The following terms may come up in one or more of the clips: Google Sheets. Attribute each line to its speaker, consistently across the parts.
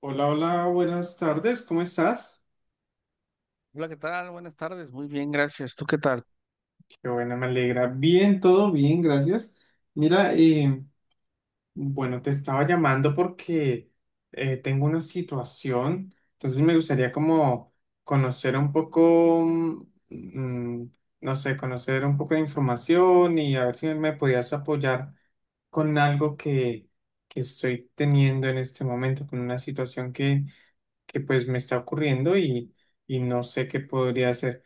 Speaker 1: Hola, hola, buenas tardes, ¿cómo estás?
Speaker 2: Hola, ¿qué tal? Buenas tardes. Muy bien, gracias. ¿Tú qué tal?
Speaker 1: Qué bueno, me alegra. Bien, todo bien, gracias. Mira, bueno, te estaba llamando porque tengo una situación, entonces me gustaría como conocer un poco, mm, no sé, conocer un poco de información y a ver si me podías apoyar con algo que estoy teniendo en este momento, con una situación que pues me está ocurriendo y no sé qué podría hacer.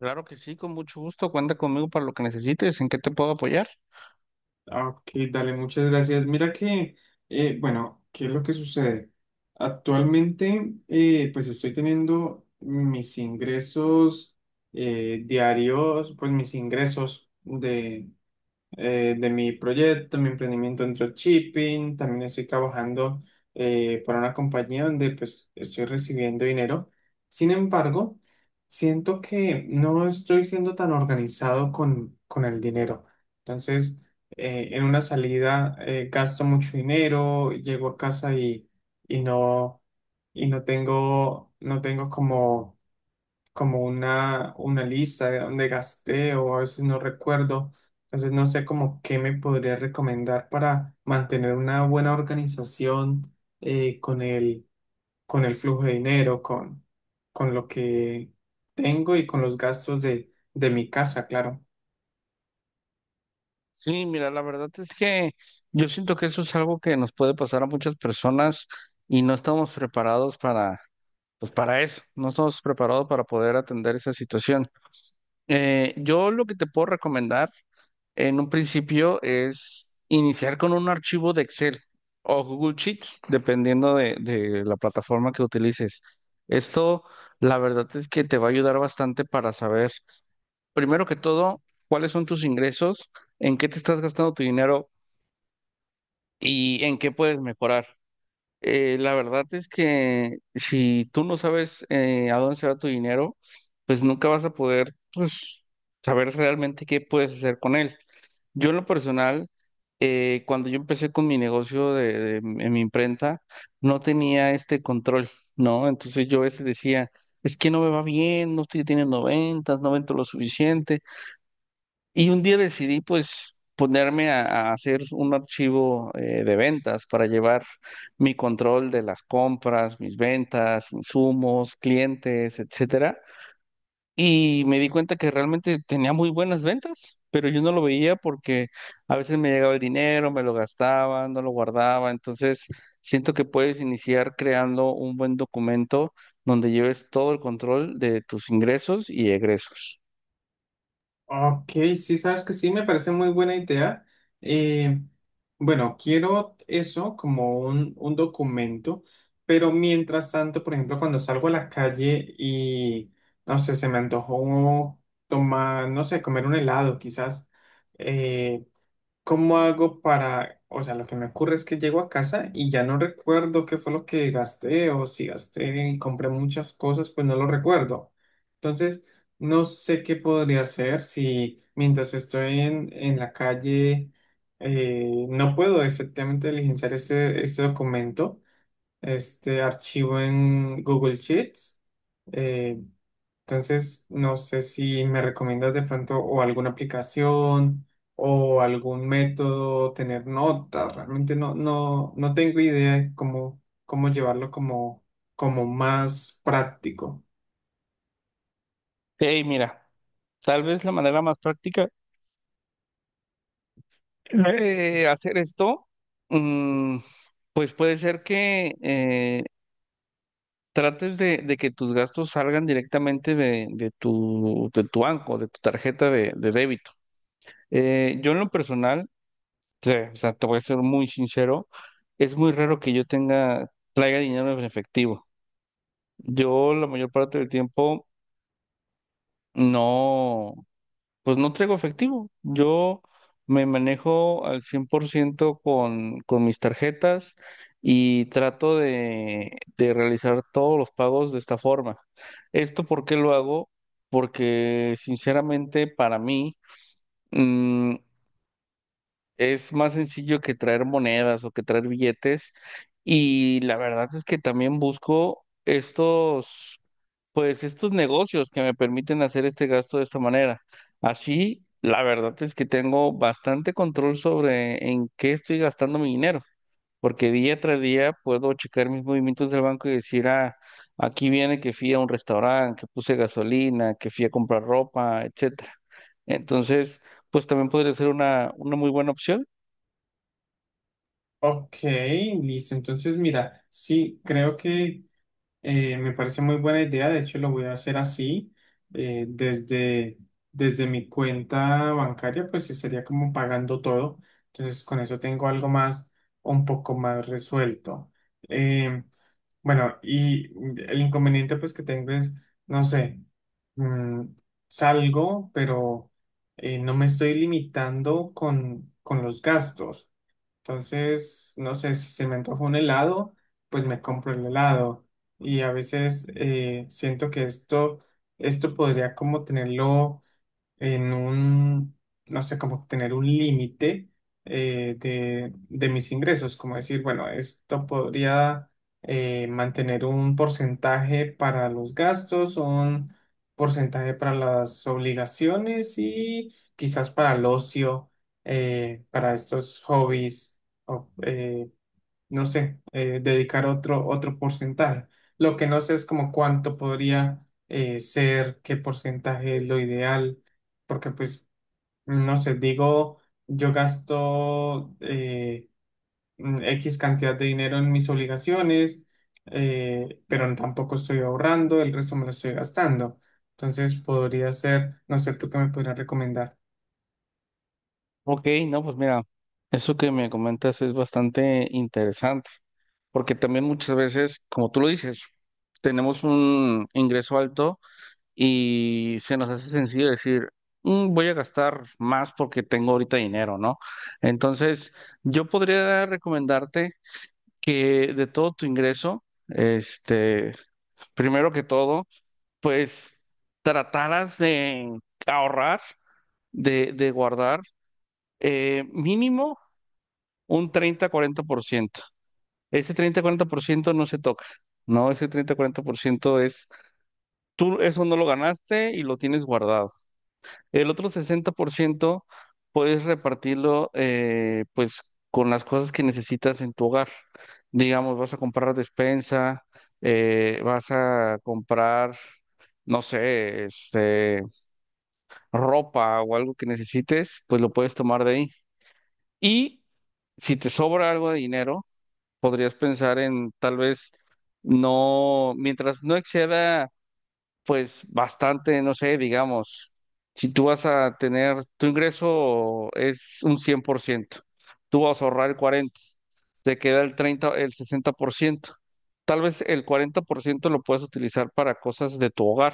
Speaker 2: Claro que sí, con mucho gusto. Cuenta conmigo para lo que necesites. ¿En qué te puedo apoyar?
Speaker 1: Ah, ok, dale, muchas gracias. Mira bueno, ¿qué es lo que sucede? Actualmente, pues estoy teniendo mis ingresos diarios, pues mis ingresos de mi proyecto, mi emprendimiento en dropshipping. También estoy trabajando para una compañía donde pues estoy recibiendo dinero. Sin embargo, siento que no estoy siendo tan organizado con el dinero. Entonces, en una salida gasto mucho dinero, llego a casa y no, y no tengo, no tengo como una lista de dónde gasté o a veces no recuerdo. Entonces no sé como qué me podría recomendar para mantener una buena organización eh, con el, con el flujo de dinero, con lo que tengo y con los gastos de mi casa, claro.
Speaker 2: Sí, mira, la verdad es que yo siento que eso es algo que nos puede pasar a muchas personas y no estamos preparados para, pues para eso. No estamos preparados para poder atender esa situación. Yo lo que te puedo recomendar en un principio es iniciar con un archivo de Excel o Google Sheets, dependiendo de la plataforma que utilices. Esto, la verdad es que te va a ayudar bastante para saber, primero que todo, cuáles son tus ingresos, en qué te estás gastando tu dinero y en qué puedes mejorar. La verdad es que si tú no sabes a dónde se va tu dinero, pues nunca vas a poder, pues, saber realmente qué puedes hacer con él. Yo en lo personal, cuando yo empecé con mi negocio en mi imprenta, no tenía este control, ¿no? Entonces yo a veces decía, es que no me va bien, no estoy teniendo ventas, no vendo lo suficiente. Y un día decidí pues ponerme a hacer un archivo de ventas para llevar mi control de las compras, mis ventas, insumos, clientes, etcétera. Y me di cuenta que realmente tenía muy buenas ventas, pero yo no lo veía porque a veces me llegaba el dinero, me lo gastaba, no lo guardaba. Entonces siento que puedes iniciar creando un buen documento donde lleves todo el control de tus ingresos y egresos.
Speaker 1: Ok, sí, sabes que sí, me parece muy buena idea. Eh, bueno, quiero eso como un documento, pero mientras tanto, por ejemplo, cuando salgo a la calle no sé, se me antojó tomar, no sé, comer un helado quizás. eh, ¿Cómo hago para, o sea, lo que me ocurre es que llego a casa y ya no recuerdo qué fue lo que gasté o si gasté y compré muchas cosas? Pues no lo recuerdo. Entonces, no sé qué podría hacer si mientras estoy en la calle no puedo efectivamente diligenciar este documento, este archivo en Google Sheets. eh, entonces, no sé si me recomiendas de pronto o alguna aplicación o algún método, tener notas. Realmente no tengo idea de cómo llevarlo como, como más práctico.
Speaker 2: Hey, mira. Tal vez la manera más práctica hacer esto, mm, pues puede ser que trates de que tus gastos salgan directamente de tu, de tu banco, de tu tarjeta de débito. Yo en lo personal, te, o sea, te voy a ser muy sincero, es muy raro que yo tenga, traiga dinero en efectivo. Yo la mayor parte del tiempo no. Pues no traigo efectivo. Yo me manejo al 100% con mis tarjetas y trato de realizar todos los pagos de esta forma. ¿Esto por qué lo hago? Porque sinceramente para mí mm, es más sencillo que traer monedas o que traer billetes y la verdad es que también busco estos... Pues estos negocios que me permiten hacer este gasto de esta manera. Así, la verdad es que tengo bastante control sobre en qué estoy gastando mi dinero, porque día tras día puedo checar mis movimientos del banco y decir, ah, aquí viene que fui a un restaurante, que puse gasolina, que fui a comprar ropa, etcétera. Entonces, pues también podría ser una muy buena opción.
Speaker 1: Ok, listo. Entonces, mira, sí, creo que... me parece muy buena idea, de hecho lo voy a hacer así. eh, desde, Desde mi cuenta bancaria, pues sí sería como pagando todo, entonces con eso tengo algo más, un poco más resuelto. Em, bueno, y el inconveniente pues que tengo es, no sé, mm, salgo, pero no me estoy limitando con los gastos. Entonces, no sé, si se me antoja un helado, pues me compro el helado. Y a veces siento que esto podría como tenerlo en un... No sé, como tener un límite de mis ingresos, como decir, bueno, esto podría mantener un porcentaje para los gastos, un porcentaje para las obligaciones y quizás para el ocio, para estos hobbies o, no sé, dedicar otro porcentaje. Lo que no sé es como cuánto podría ser, qué porcentaje es lo ideal, porque pues, no sé, digo, yo gasto X cantidad de dinero en mis obligaciones, pero tampoco estoy ahorrando, el resto me lo estoy gastando. Entonces podría ser, no sé, tú qué me podrías recomendar.
Speaker 2: Ok, no, pues mira, eso que me comentas es bastante interesante, porque también muchas veces, como tú lo dices, tenemos un ingreso alto y se nos hace sencillo decir, "Mm, voy a gastar más porque tengo ahorita dinero, ¿no?" Entonces, yo podría recomendarte que de todo tu ingreso, este, primero que todo, pues trataras de ahorrar, de guardar. Mínimo un 30-40%. Ese 30-40% no se toca. No, ese 30-40% es, tú eso no lo ganaste y lo tienes guardado. El otro 60% puedes repartirlo pues con las cosas que necesitas en tu hogar. Digamos, vas a comprar despensa, vas a comprar, no sé, este, ropa o algo que necesites, pues lo puedes tomar de ahí. Y si te sobra algo de dinero, podrías pensar en tal vez no, mientras no exceda, pues bastante, no sé, digamos, si tú vas a tener, tu ingreso es un 100%, tú vas a ahorrar el 40%, te queda el 30 el 60%. Tal vez el 40% lo puedes utilizar para cosas de tu hogar.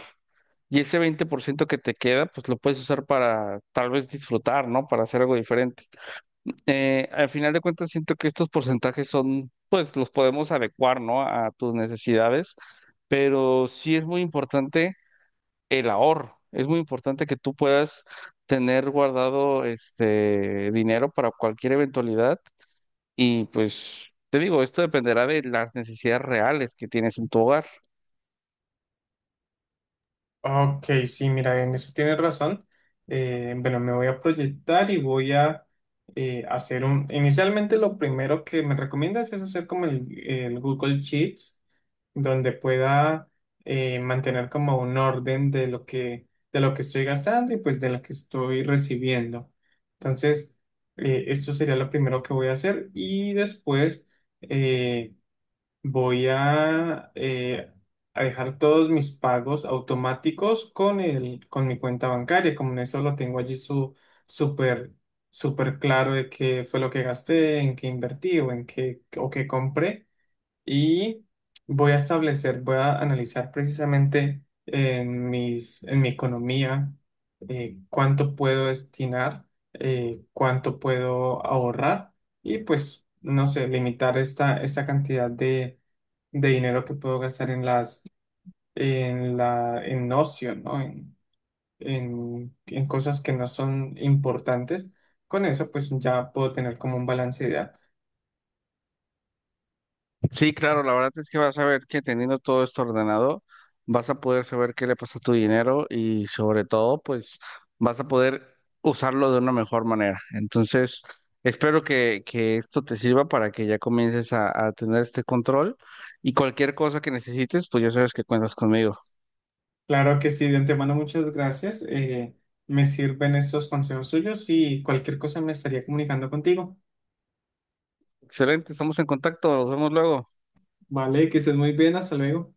Speaker 2: Y ese 20% que te queda, pues lo puedes usar para tal vez disfrutar, ¿no? Para hacer algo diferente. Al final de cuentas siento que estos porcentajes son, pues los podemos adecuar, ¿no? A tus necesidades, pero sí es muy importante el ahorro. Es muy importante que tú puedas tener guardado este dinero para cualquier eventualidad y pues te digo, esto dependerá de las necesidades reales que tienes en tu hogar.
Speaker 1: Ok, sí, mira, en eso tienes razón. Bueno, me voy a proyectar y voy a hacer un... Inicialmente lo primero que me recomiendas es hacer como el Google Sheets, donde pueda mantener como un orden de lo de lo que estoy gastando y pues de lo que estoy recibiendo. Entonces, esto sería lo primero que voy a hacer y después... eh, Voy a dejar todos mis pagos automáticos con mi cuenta bancaria. Como en eso lo tengo allí súper, súper claro de qué fue lo que gasté, en qué invertí o en qué, o qué compré. Y voy a establecer, voy a analizar precisamente en en mi economía, cuánto puedo destinar, cuánto puedo ahorrar y pues, no sé, limitar esta cantidad de dinero que puedo gastar en las en ocio, ¿no? En cosas que no son importantes. Con eso, pues ya puedo tener como un balance de edad.
Speaker 2: Sí, claro, la verdad es que vas a ver que teniendo todo esto ordenado, vas a poder saber qué le pasa a tu dinero y sobre todo, pues vas a poder usarlo de una mejor manera. Entonces, espero que esto te sirva para que ya comiences a tener este control y cualquier cosa que necesites, pues ya sabes que cuentas conmigo.
Speaker 1: Claro que sí, de antemano, muchas gracias. Me sirven esos consejos suyos y cualquier cosa me estaría comunicando contigo.
Speaker 2: Excelente, estamos en contacto, nos vemos luego.
Speaker 1: Vale, que estés muy bien, hasta luego.